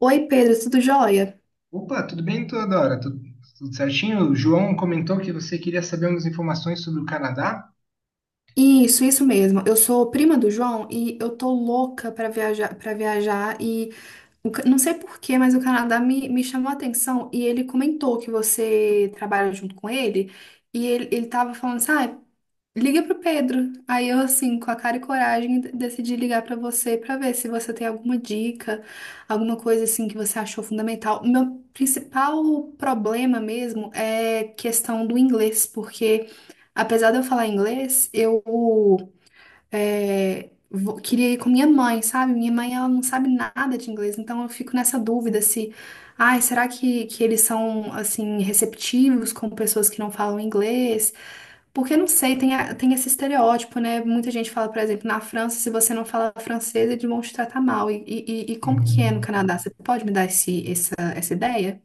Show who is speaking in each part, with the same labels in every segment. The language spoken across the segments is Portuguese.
Speaker 1: Oi, Pedro, tudo jóia?
Speaker 2: Opa, tudo bem, Teodora? Tudo certinho? O João comentou que você queria saber umas informações sobre o Canadá.
Speaker 1: Isso mesmo. Eu sou prima do João e eu tô louca pra viajar, para viajar e não sei por quê, mas o Canadá me chamou a atenção e ele comentou que você trabalha junto com ele e ele tava falando, sabe? Liga pro Pedro. Aí eu, assim, com a cara e coragem, decidi ligar pra você pra ver se você tem alguma dica, alguma coisa assim que você achou fundamental. O meu principal problema mesmo é questão do inglês, porque apesar de eu falar inglês, queria ir com minha mãe, sabe? Minha mãe, ela não sabe nada de inglês, então eu fico nessa dúvida se, ai, será que eles são, assim, receptivos com pessoas que não falam inglês? Porque, não sei, tem, tem esse estereótipo, né? Muita gente fala, por exemplo, na França, se você não fala francês, eles vão te tratar mal. E como que é no
Speaker 2: Uhum.
Speaker 1: Canadá? Você pode me dar essa ideia?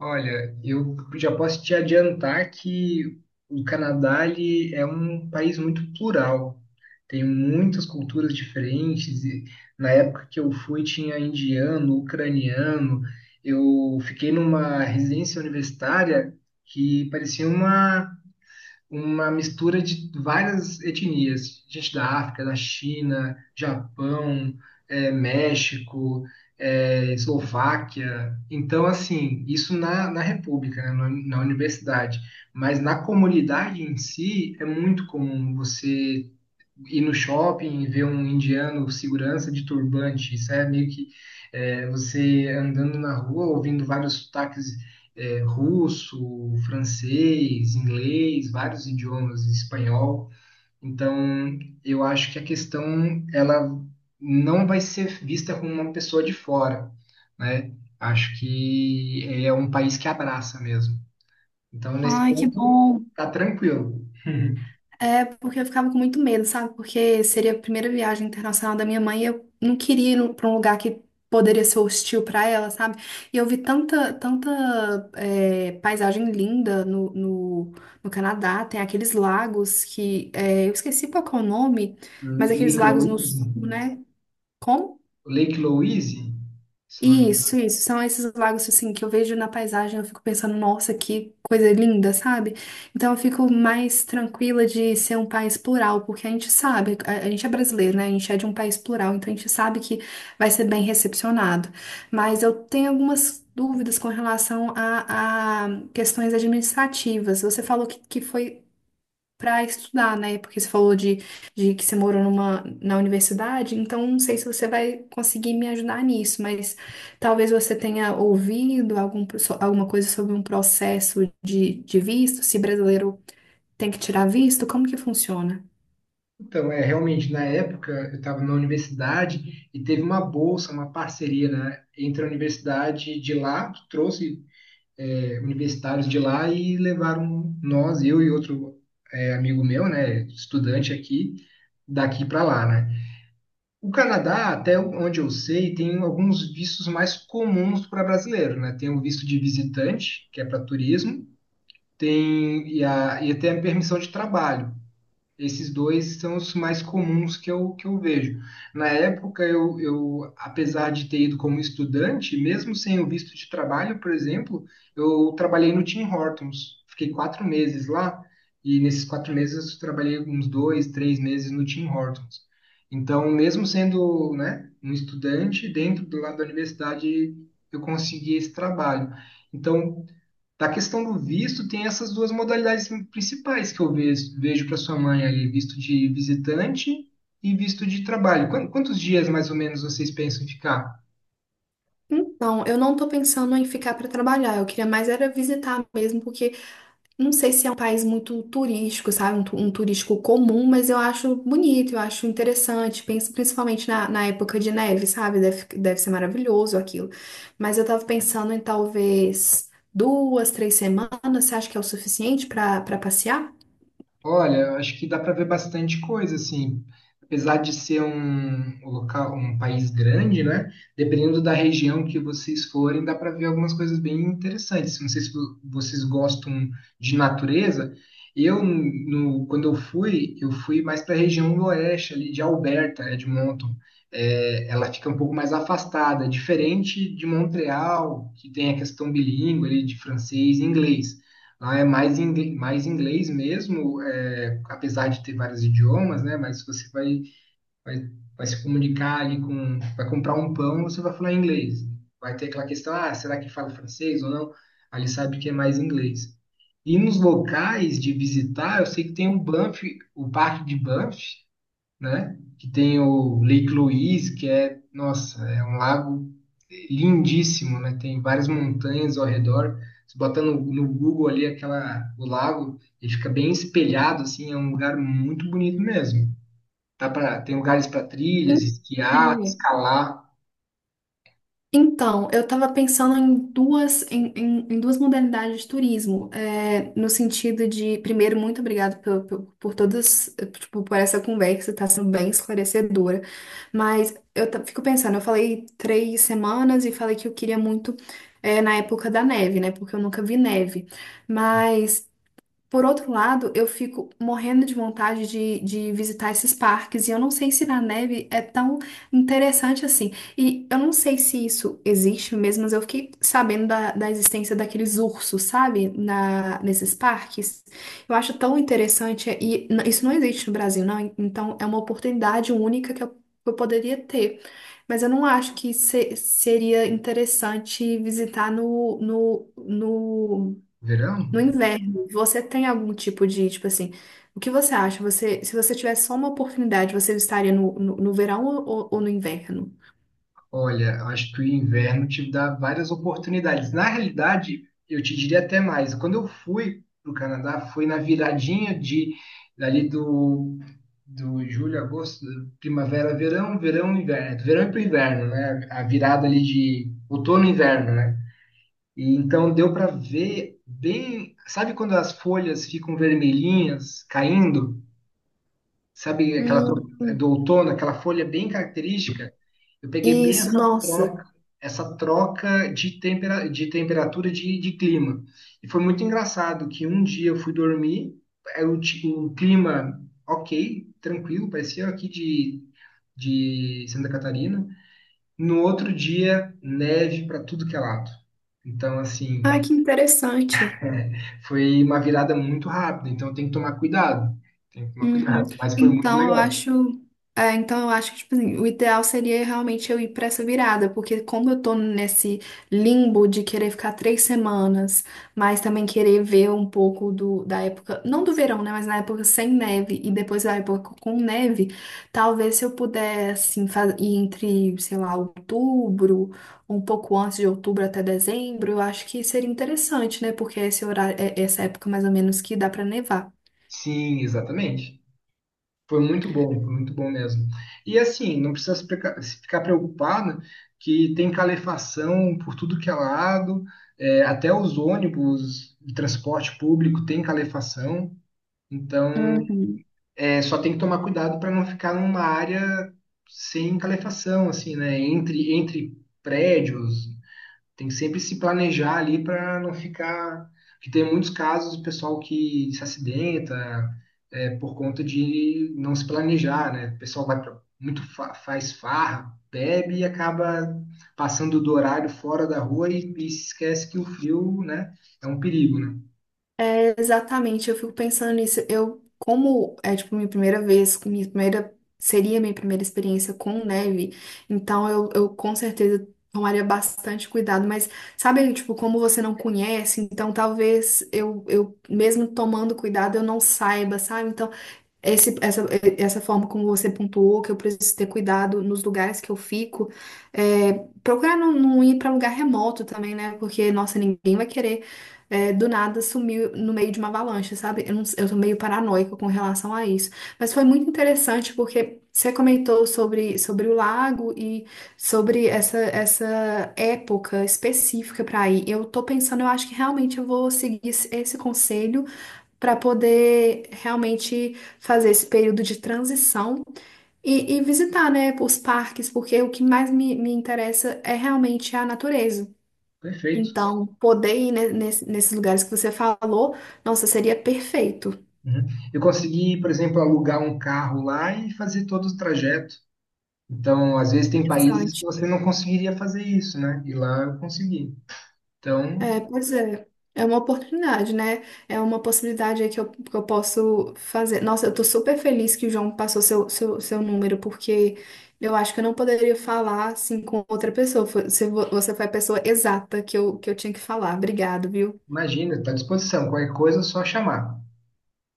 Speaker 2: Olha, eu já posso te adiantar que o Canadá ele é um país muito plural. Tem muitas culturas diferentes. E na época que eu fui, tinha indiano, ucraniano. Eu fiquei numa residência universitária que parecia uma mistura de várias etnias, gente da África, da China, Japão, México, Eslováquia. Então, assim, isso na República, né, na, na universidade. Mas na comunidade em si, é muito comum você ir no shopping e ver um indiano segurança de turbante. Isso é meio que é, você andando na rua, ouvindo vários sotaques é, russo, francês, inglês, vários idiomas, espanhol. Então, eu acho que a questão ela não vai ser vista como uma pessoa de fora, né? Acho que é um país que abraça mesmo. Então, nesse
Speaker 1: Ai, que
Speaker 2: ponto,
Speaker 1: bom.
Speaker 2: tá tranquilo.
Speaker 1: É porque eu ficava com muito medo, sabe? Porque seria a primeira viagem internacional da minha mãe e eu não queria ir para um lugar que poderia ser hostil para ela, sabe? E eu vi tanta paisagem linda no Canadá, tem aqueles lagos que é, eu esqueci qual que é o nome, mas aqueles lagos no sul,
Speaker 2: Inclusive,
Speaker 1: né? Como?
Speaker 2: Lake Louise, se não me
Speaker 1: Isso,
Speaker 2: engano.
Speaker 1: isso. São esses lagos assim que eu vejo na paisagem, eu fico pensando, nossa, que coisa linda, sabe? Então eu fico mais tranquila de ser um país plural, porque a gente sabe, a gente é brasileiro, né? A gente é de um país plural, então a gente sabe que vai ser bem recepcionado. Mas eu tenho algumas dúvidas com relação a questões administrativas. Você falou que foi para estudar, né? Porque você falou de que você morou numa, na universidade, então não sei se você vai conseguir me ajudar nisso, mas talvez você tenha ouvido alguma coisa sobre um processo de visto, se brasileiro tem que tirar visto, como que funciona?
Speaker 2: Então, é, realmente, na época, eu estava na universidade e teve uma bolsa, uma parceria, né, entre a universidade de lá, que trouxe universitários de lá e levaram nós, eu e outro amigo meu, né, estudante aqui, daqui para lá, né? O Canadá, até onde eu sei, tem alguns vistos mais comuns para brasileiro, né? Tem o visto de visitante, que é para turismo, tem e, a, e até a permissão de trabalho. Esses dois são os mais comuns que eu vejo. Na época, apesar de ter ido como estudante, mesmo sem o visto de trabalho, por exemplo, eu trabalhei no Tim Hortons. Fiquei quatro meses lá, e nesses quatro meses eu trabalhei uns dois, três meses no Tim Hortons. Então, mesmo sendo, né, um estudante, dentro do lado da universidade, eu consegui esse trabalho. Então, da questão do visto, tem essas duas modalidades principais que eu vejo para sua mãe ali, visto de visitante e visto de trabalho. Quantos dias mais ou menos vocês pensam em ficar?
Speaker 1: Então, eu não tô pensando em ficar para trabalhar, eu queria mais era visitar mesmo, porque não sei se é um país muito turístico, sabe? Um turístico comum, mas eu acho bonito, eu acho interessante. Penso principalmente na época de neve, sabe? Deve, deve ser maravilhoso aquilo. Mas eu tava pensando em talvez duas, três semanas. Você acha que é o suficiente para para passear?
Speaker 2: Olha, eu acho que dá para ver bastante coisa, assim. Apesar de ser um local, um país grande, né? Dependendo da região que vocês forem, dá para ver algumas coisas bem interessantes. Não sei se vocês gostam de natureza. Eu, no- Quando eu fui mais para a região do oeste, ali de Alberta, Edmonton. É, ela fica um pouco mais afastada, diferente de Montreal, que tem a questão bilíngue ali de francês e inglês. Lá é mais inglês mesmo, é, apesar de ter vários idiomas, né? Mas vai, vai se comunicar ali com, vai comprar um pão, você vai falar inglês. Vai ter aquela questão, ah, será que fala francês ou não? Ali sabe que é mais inglês. E nos locais de visitar, eu sei que tem o Banff, o Parque de Banff, né? Que tem o Lake Louise, que é, nossa, é um lago lindíssimo, né? Tem várias montanhas ao redor. Você bota no Google ali aquela, o lago, ele fica bem espelhado, assim, é um lugar muito bonito mesmo. Dá pra, tem lugares para trilhas, esquiar,
Speaker 1: Sim.
Speaker 2: escalar.
Speaker 1: Então, eu estava pensando em duas, em duas modalidades de turismo, é, no sentido de, primeiro, muito obrigada por todas, tipo, por essa conversa, está sendo bem esclarecedora, mas eu fico pensando, eu falei três semanas e falei que eu queria muito, na época da neve, né, porque eu nunca vi neve, mas por outro lado, eu fico morrendo de vontade de visitar esses parques, e eu não sei se na neve é tão interessante assim. E eu não sei se isso existe mesmo, mas eu fiquei sabendo da existência daqueles ursos, sabe? Nesses parques. Eu acho tão interessante, e isso não existe no Brasil, não. Então, é uma oportunidade única que eu poderia ter. Mas eu não acho que seria interessante visitar
Speaker 2: Verão?
Speaker 1: no inverno, você tem algum tipo de, tipo assim, o que você acha? Você, se você tivesse só uma oportunidade, você estaria no verão ou no inverno?
Speaker 2: Olha, acho que o inverno te dá várias oportunidades. Na realidade, eu te diria até mais. Quando eu fui para o Canadá, foi na viradinha de dali do, do julho, agosto, primavera, verão, verão, inverno, do verão para o inverno, né? A virada ali de outono e inverno, né? E então deu para ver bem, sabe quando as folhas ficam vermelhinhas caindo? Sabe aquela
Speaker 1: Hum,
Speaker 2: do outono, aquela folha bem característica? Eu peguei bem
Speaker 1: isso, nossa.
Speaker 2: essa troca de temperatura de clima. E foi muito engraçado que um dia eu fui dormir, o clima ok, tranquilo, parecia aqui de Santa Catarina. No outro dia, neve para tudo que é lado. Então, assim,
Speaker 1: Ah, que interessante.
Speaker 2: foi uma virada muito rápida, então tem que tomar cuidado. Tem que tomar
Speaker 1: Uhum.
Speaker 2: cuidado, mas foi muito
Speaker 1: Então eu
Speaker 2: legal.
Speaker 1: acho, é, então eu acho que tipo assim, o ideal seria realmente eu ir pra essa virada, porque como eu tô nesse limbo de querer ficar três semanas, mas também querer ver um pouco do, da época, não do verão, né, mas na época sem neve e depois da época com neve, talvez se eu puder assim ir entre, sei lá, outubro, um pouco antes de outubro até dezembro, eu acho que seria interessante, né, porque é esse horário, é essa época mais ou menos que dá pra nevar.
Speaker 2: Sim, exatamente. Foi muito bom mesmo. E assim, não precisa se ficar preocupado que tem calefação por tudo que é lado, é, até os ônibus de transporte público tem calefação. Então,
Speaker 1: Uhum.
Speaker 2: é, só tem que tomar cuidado para não ficar numa área sem calefação, assim, né? Entre prédios, tem que sempre se planejar ali para não ficar. Porque tem muitos casos do pessoal que se acidenta é, por conta de não se planejar, né? O pessoal vai pra, muito faz farra, bebe e acaba passando do horário fora da rua e se esquece que o frio, né, é um perigo, né?
Speaker 1: É, exatamente, eu fico pensando nisso. Eu, como é tipo minha primeira vez, com minha primeira seria minha primeira experiência com neve, então eu com certeza tomaria bastante cuidado, mas sabe, tipo, como você não conhece, então talvez eu mesmo tomando cuidado eu não saiba, sabe? Então esse, essa, essa forma como você pontuou, que eu preciso ter cuidado nos lugares que eu fico, é, procurar não ir para lugar remoto também, né? Porque, nossa, ninguém vai querer do nada sumir no meio de uma avalanche, sabe? Eu, não, eu tô meio paranoica com relação a isso. Mas foi muito interessante porque você comentou sobre o lago e sobre essa época específica para ir. Eu tô pensando, eu acho que realmente eu vou seguir esse conselho para poder realmente fazer esse período de transição e visitar, né, os parques, porque o que mais me interessa é realmente a natureza.
Speaker 2: Perfeito.
Speaker 1: Então, poder ir nesses lugares que você falou, nossa, seria perfeito.
Speaker 2: Uhum. Eu consegui, por exemplo, alugar um carro lá e fazer todo o trajeto. Então, às vezes tem países que
Speaker 1: Interessante.
Speaker 2: você não conseguiria fazer isso, né? E lá eu consegui. Então,
Speaker 1: É, pois é. É uma oportunidade, né? É uma possibilidade aí que que eu posso fazer. Nossa, eu tô super feliz que o João passou seu número, porque eu acho que eu não poderia falar assim com outra pessoa. Você, você foi a pessoa exata que que eu tinha que falar. Obrigado, viu?
Speaker 2: imagina, está à disposição. Qualquer coisa é só chamar.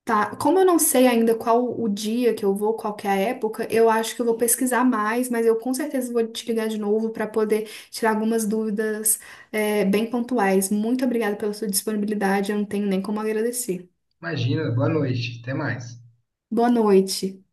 Speaker 1: Tá, como eu não sei ainda qual o dia que eu vou, qual que é a época, eu acho que eu vou pesquisar mais, mas eu com certeza vou te ligar de novo para poder tirar algumas dúvidas, é, bem pontuais. Muito obrigada pela sua disponibilidade, eu não tenho nem como agradecer.
Speaker 2: Imagina, boa noite. Até mais.
Speaker 1: Boa noite.